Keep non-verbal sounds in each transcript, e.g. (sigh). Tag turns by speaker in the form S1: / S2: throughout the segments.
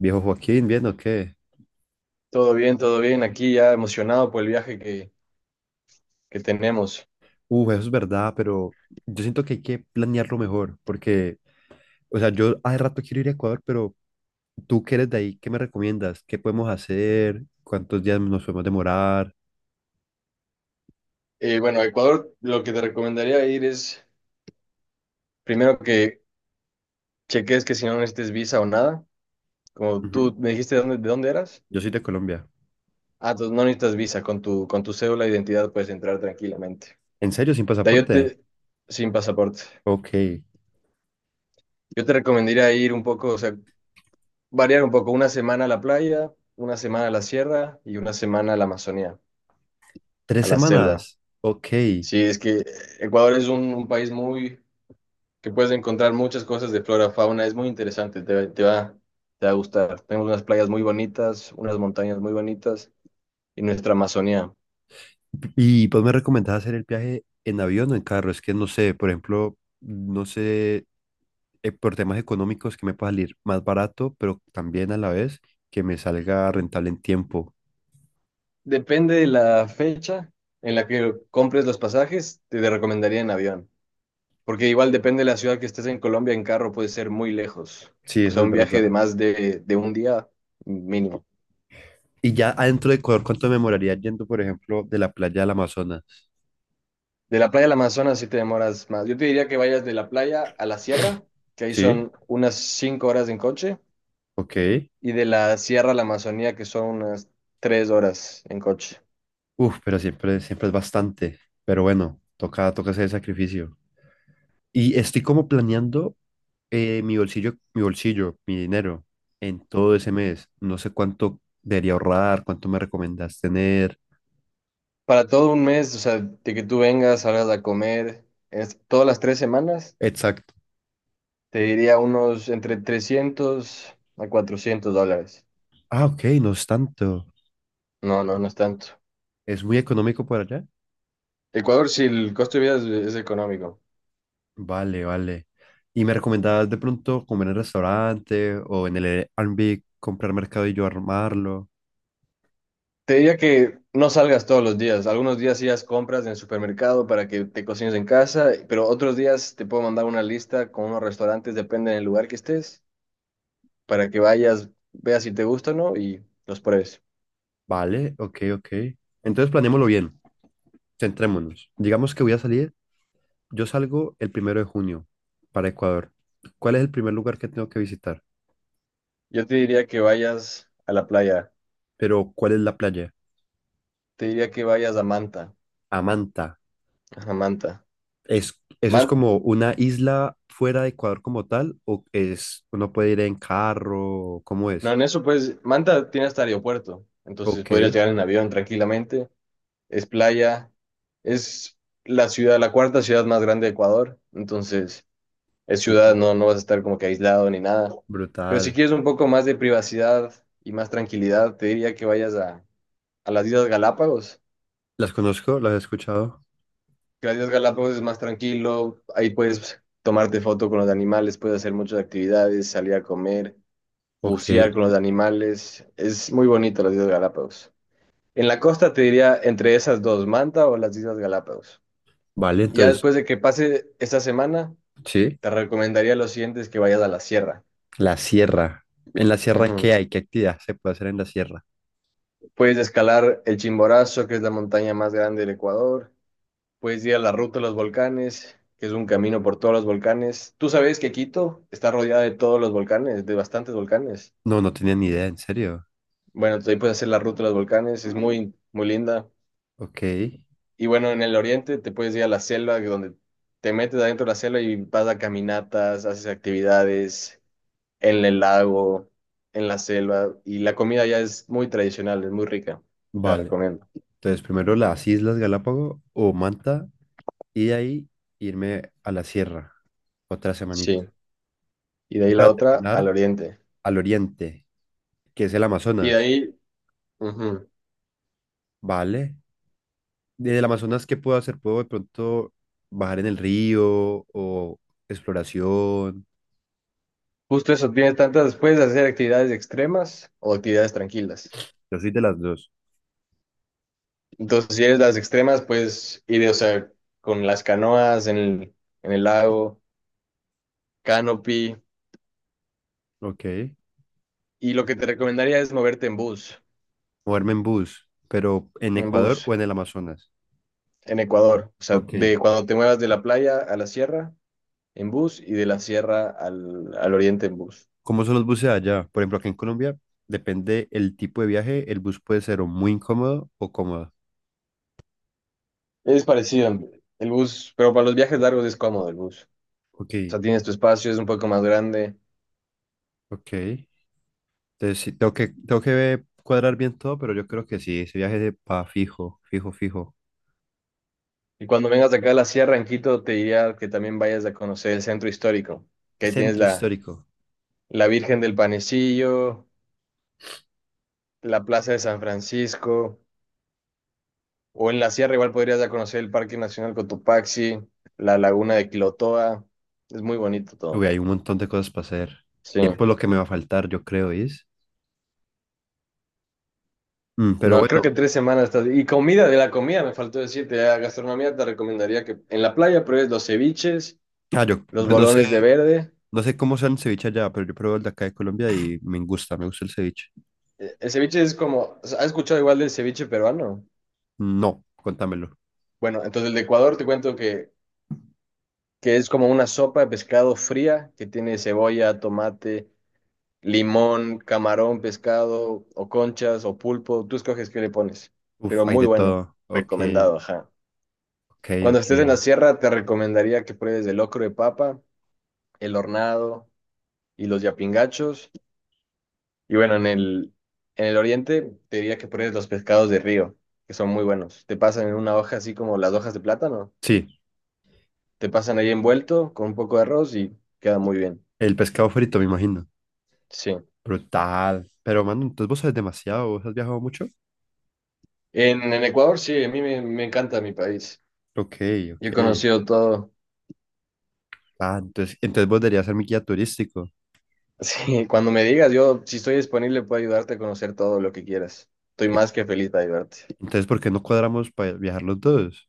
S1: Viejo Joaquín, ¿bien o qué?
S2: Todo bien, todo bien. Aquí ya emocionado por el viaje que tenemos.
S1: Eso es verdad, pero yo siento que hay que planearlo mejor, porque, o sea, yo hace rato quiero ir a Ecuador, pero tú que eres de ahí, ¿qué me recomiendas? ¿Qué podemos hacer? ¿Cuántos días nos podemos demorar?
S2: Bueno, a Ecuador lo que te recomendaría ir es, primero que cheques que si no necesites visa o nada, como
S1: Ujú.
S2: tú me dijiste de dónde eras.
S1: Yo soy de Colombia.
S2: Ah, entonces no necesitas visa, con tu cédula de identidad puedes entrar tranquilamente.
S1: ¿En serio, sin
S2: De ahí yo
S1: pasaporte?
S2: te, sin pasaporte.
S1: Ok.
S2: Yo te recomendaría ir un poco, o sea, variar un poco, una semana a la playa, una semana a la sierra y una semana a la Amazonía,
S1: ¿Tres
S2: a la selva.
S1: semanas? Ok.
S2: Sí, es que Ecuador es un país muy que puedes encontrar muchas cosas de flora, fauna, es muy interesante, te va a gustar. Tenemos unas playas muy bonitas, unas montañas muy bonitas y nuestra Amazonía.
S1: Y pues me recomendás hacer el viaje en avión o en carro. Es que no sé, por ejemplo, no sé por temas económicos que me pueda salir más barato, pero también a la vez que me salga rentable en tiempo.
S2: Depende de la fecha en la que compres los pasajes, te recomendaría en avión, porque igual depende de la ciudad que estés en Colombia, en carro puede ser muy lejos,
S1: Sí,
S2: o
S1: eso
S2: sea,
S1: es
S2: un viaje de
S1: verdad.
S2: más de un día mínimo.
S1: Y ya adentro de Ecuador, ¿cuánto me demoraría yendo, por ejemplo, de la playa al Amazonas?
S2: De la playa al Amazonas sí te demoras más. Yo te diría que vayas de la playa a la sierra, que ahí
S1: Sí,
S2: son unas 5 horas en coche
S1: ok.
S2: y de la Sierra a la Amazonía, que son unas 3 horas en coche.
S1: Uf, pero siempre, siempre es bastante. Pero bueno, toca, toca hacer el sacrificio. Y estoy como planeando mi bolsillo, mi dinero en todo ese mes. No sé cuánto debería ahorrar, cuánto me recomendás tener.
S2: Para todo un mes, o sea, de que tú vengas, salgas a comer, todas las tres semanas,
S1: Exacto.
S2: te diría unos entre 300 a $400.
S1: Ah, ok, no es tanto.
S2: No, no, no es tanto.
S1: Es muy económico por allá.
S2: Ecuador, si el costo de vida es económico.
S1: Vale, vale. ¿Y me recomendabas de pronto comer en el restaurante o en el Airbnb, comprar mercado y yo armarlo?
S2: Te diría que no salgas todos los días. Algunos días sí haz compras en el supermercado para que te cocines en casa, pero otros días te puedo mandar una lista con unos restaurantes, depende del lugar que estés para que vayas, veas si te gusta o no y los pruebes.
S1: Vale, ok, ok. Entonces planeémoslo bien, centrémonos. Digamos que voy a salir, yo salgo el 1 de junio para Ecuador. ¿Cuál es el primer lugar que tengo que visitar?
S2: Yo te diría que vayas a la playa,
S1: Pero, ¿cuál es la playa?
S2: te diría que vayas a Manta,
S1: Amanta.
S2: a Manta.
S1: ¿Es, eso es
S2: Man-
S1: como una isla fuera de Ecuador como tal? ¿O es, uno puede ir en carro? ¿Cómo
S2: no,
S1: es?
S2: en eso pues, Manta tiene hasta aeropuerto, entonces
S1: Ok.
S2: podrías llegar en avión tranquilamente, es playa, es la ciudad, la cuarta ciudad más grande de Ecuador, entonces es
S1: Uh,
S2: ciudad, no, no vas a estar como que aislado ni nada. Pero si
S1: Brutal.
S2: quieres un poco más de privacidad y más tranquilidad, te diría que a las Islas Galápagos.
S1: ¿Las conozco? ¿Las he escuchado?
S2: Gracias Galápagos es más tranquilo, ahí puedes tomarte foto con los animales, puedes hacer muchas actividades, salir a comer,
S1: Ok.
S2: bucear con los animales, es muy bonito las Islas Galápagos. En la costa te diría entre esas dos, Manta o las Islas Galápagos.
S1: Vale,
S2: Ya
S1: entonces,
S2: después de que pase esta semana,
S1: sí.
S2: te recomendaría lo siguiente es que vayas a la sierra.
S1: La sierra. ¿En la sierra qué
S2: Ujú.
S1: hay? ¿Qué actividad se puede hacer en la sierra?
S2: Puedes escalar el Chimborazo, que es la montaña más grande del Ecuador. Puedes ir a la ruta de los volcanes, que es un camino por todos los volcanes. Tú sabes que Quito está rodeada de todos los volcanes, de bastantes volcanes.
S1: No, no tenía ni idea, en serio.
S2: Bueno, entonces ahí puedes hacer la ruta de los volcanes, es muy, muy linda.
S1: Ok,
S2: Y bueno, en el oriente te puedes ir a la selva, que donde te metes adentro de la selva y vas a caminatas, haces actividades en el lago, en la selva. Y la comida ya es muy tradicional, es muy rica. Te la
S1: vale.
S2: recomiendo.
S1: Entonces, primero las Islas Galápagos o Manta y de ahí irme a la sierra, otra
S2: Sí.
S1: semanita.
S2: Y de ahí
S1: Y
S2: la
S1: para
S2: otra, al
S1: terminar,
S2: oriente.
S1: al oriente, que es el
S2: Y de
S1: Amazonas,
S2: ahí... ujú.
S1: ¿vale? Desde el Amazonas, ¿qué puedo hacer? ¿Puedo de pronto bajar en el río o exploración?
S2: Justo eso, tienes tantas, puedes hacer actividades extremas o actividades tranquilas.
S1: Yo soy de las dos.
S2: Entonces, si eres las extremas, puedes ir, o sea, con las canoas en el lago, canopy.
S1: Ok,
S2: Y lo que te recomendaría es moverte en bus,
S1: moverme en bus, pero en
S2: en
S1: Ecuador
S2: bus,
S1: o en el Amazonas.
S2: en Ecuador. O sea, de
S1: Ok.
S2: cuando te muevas de la playa a la sierra, en bus, y de la sierra al oriente en bus.
S1: ¿Cómo son los buses allá? Por ejemplo, acá en Colombia, depende el tipo de viaje, el bus puede ser o muy incómodo o cómodo.
S2: Es parecido, el bus, pero para los viajes largos es cómodo el bus.
S1: Ok,
S2: O sea, tienes tu espacio, es un poco más grande.
S1: ok. Entonces, sí, tengo que cuadrar bien todo, pero yo creo que sí, ese viaje de pa fijo, fijo, fijo.
S2: Y cuando vengas de acá a la sierra, en Quito, te diría que también vayas a conocer el centro histórico, que ahí tienes
S1: Centro histórico.
S2: la Virgen del Panecillo, la Plaza de San Francisco, o en la sierra igual podrías ya conocer el Parque Nacional Cotopaxi, la Laguna de Quilotoa, es muy bonito
S1: Uy,
S2: todo.
S1: hay un montón de cosas para hacer.
S2: Sí.
S1: Tiempo es lo que me va a faltar, yo creo, es. Mm, pero
S2: No, creo
S1: bueno,
S2: que tres semanas estás... Y comida, de la comida me faltó decirte, la gastronomía te recomendaría que en la playa pruebes los ceviches,
S1: ah, yo
S2: los
S1: pues no sé,
S2: bolones de verde.
S1: no sé cómo sea el ceviche allá, pero yo pruebo el de acá de Colombia y me gusta el ceviche.
S2: El ceviche es como, ¿has escuchado igual del ceviche peruano?
S1: No, contámelo.
S2: Bueno, entonces el de Ecuador te cuento que es como una sopa de pescado fría que tiene cebolla, tomate, limón, camarón, pescado o conchas o pulpo. Tú escoges qué le pones,
S1: Uf,
S2: pero
S1: hay
S2: muy
S1: de
S2: bueno,
S1: todo. Ok,
S2: recomendado, ajá.
S1: ok,
S2: Cuando
S1: ok.
S2: estés en la sierra te recomendaría que pruebes el locro de papa, el hornado y los yapingachos. Y bueno, en el oriente te diría que pruebes los pescados de río, que son muy buenos. Te pasan en una hoja así como las hojas de plátano
S1: Sí,
S2: te pasan ahí envuelto con un poco de arroz y queda muy bien.
S1: el pescado frito, me imagino.
S2: Sí.
S1: Brutal. Pero, mano, entonces vos sabes demasiado, vos has viajado mucho.
S2: En Ecuador, sí, me encanta mi país.
S1: Ok, ok.
S2: Yo he conocido todo. (laughs)
S1: Ah, entonces, entonces vos deberías ser mi guía turístico.
S2: Sí, cuando me digas, yo si estoy disponible puedo ayudarte a conocer todo lo que quieras. Estoy
S1: Ep.
S2: más que feliz de ayudarte.
S1: Entonces, ¿por qué no cuadramos para viajar los dos?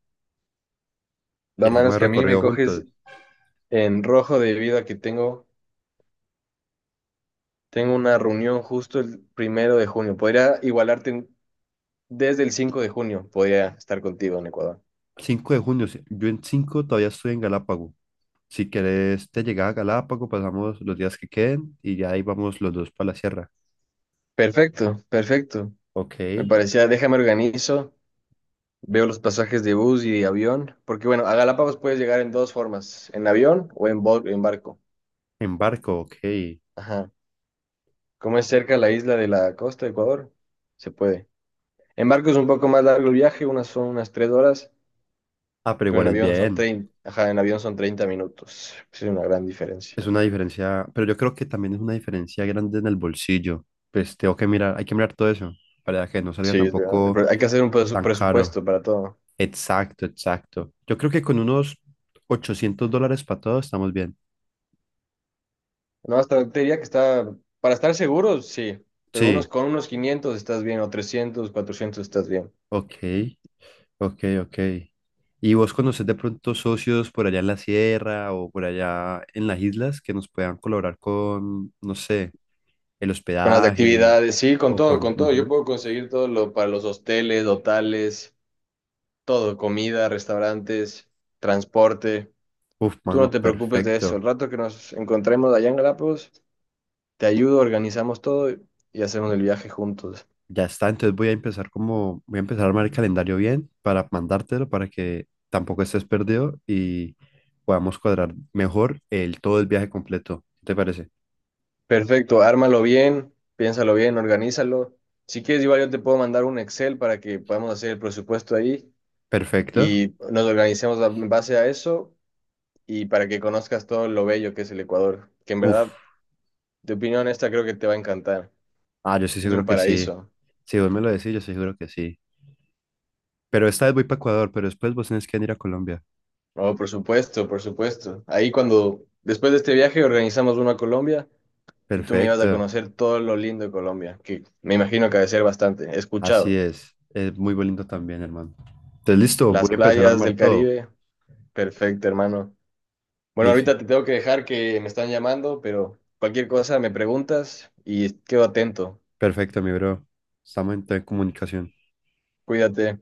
S2: La
S1: Y
S2: mano
S1: hacemos
S2: es
S1: el
S2: que a mí me
S1: recorrido juntos.
S2: coges en rojo debido a que tengo una reunión justo el primero de junio. Desde el 5 de junio, podría estar contigo en Ecuador.
S1: 5 de junio, sí, yo en 5 todavía estoy en Galápago. Si querés te llegar a Galápago, pasamos los días que queden y ya ahí vamos los dos para la sierra.
S2: Perfecto, perfecto.
S1: Ok,
S2: Me
S1: en
S2: parecía, déjame organizo. Veo los pasajes de bus y de avión, porque bueno, a Galápagos puedes llegar en dos formas, en avión o en, en barco.
S1: barco, ok.
S2: Ajá. Como es cerca la isla de la costa de Ecuador, se puede. En barco es un poco más largo el viaje, unas son unas tres horas,
S1: Ah, pero
S2: pero en
S1: igual es
S2: avión son
S1: bien.
S2: 30 minutos. Sí, es una gran diferencia.
S1: Es una diferencia, pero yo creo que también es una diferencia grande en el bolsillo. Pues tengo que mirar, hay que mirar todo eso para que no salga
S2: Sí, es verdad.
S1: tampoco
S2: Pero hay que hacer un
S1: tan caro.
S2: presupuesto para todo.
S1: Exacto, exacto. Yo creo que con unos $800 para todo estamos bien.
S2: No, hasta te diría que está, para estar seguros, sí, pero unos
S1: Sí,
S2: con unos 500 estás bien, o 300 400 estás bien.
S1: ok, ok, ok. ¿Y vos conocés de pronto socios por allá en la sierra o por allá en las islas que nos puedan colaborar con, no sé, el
S2: Con las
S1: hospedaje
S2: actividades, sí, con
S1: o
S2: todo,
S1: con...
S2: con todo. Yo
S1: ujú.
S2: puedo conseguir todo lo para los hosteles, hotales, todo, comida, restaurantes, transporte.
S1: Uf,
S2: Tú no
S1: mano,
S2: te preocupes de eso.
S1: perfecto.
S2: El rato que nos encontremos allá en Galápagos, te ayudo, organizamos todo y hacemos el viaje juntos.
S1: Ya está, entonces voy a empezar como, voy a empezar a armar el calendario bien para mandártelo para que tampoco estés perdido y podamos cuadrar mejor el todo el viaje completo. ¿Qué ¿Te parece?
S2: Perfecto, ármalo bien, piénsalo bien, organízalo. Si quieres, igual yo te puedo mandar un Excel para que podamos hacer el presupuesto ahí
S1: Perfecto.
S2: y nos organicemos en base a eso y para que conozcas todo lo bello que es el Ecuador, que en
S1: Uf.
S2: verdad de opinión esta creo que te va a encantar.
S1: Ah, yo estoy
S2: Es un
S1: seguro que sí.
S2: paraíso.
S1: Si vos me lo decís, yo estoy seguro que sí. Pero esta vez voy para Ecuador, pero después vos tenés que venir a Colombia.
S2: Oh, por supuesto, por supuesto. Ahí cuando, después de este viaje, organizamos uno a Colombia y tú me ibas a
S1: Perfecto.
S2: conocer todo lo lindo de Colombia, que me imagino que ha de ser bastante. He
S1: Así
S2: escuchado.
S1: es. Es muy bonito también, hermano. Entonces, listo,
S2: Las
S1: voy a empezar a
S2: playas
S1: armar
S2: del
S1: todo.
S2: Caribe, perfecto, hermano. Bueno,
S1: Listo.
S2: ahorita te tengo que dejar que me están llamando, pero cualquier cosa me preguntas y quedo atento.
S1: Perfecto, mi bro. Estamos en comunicación.
S2: Cuídate.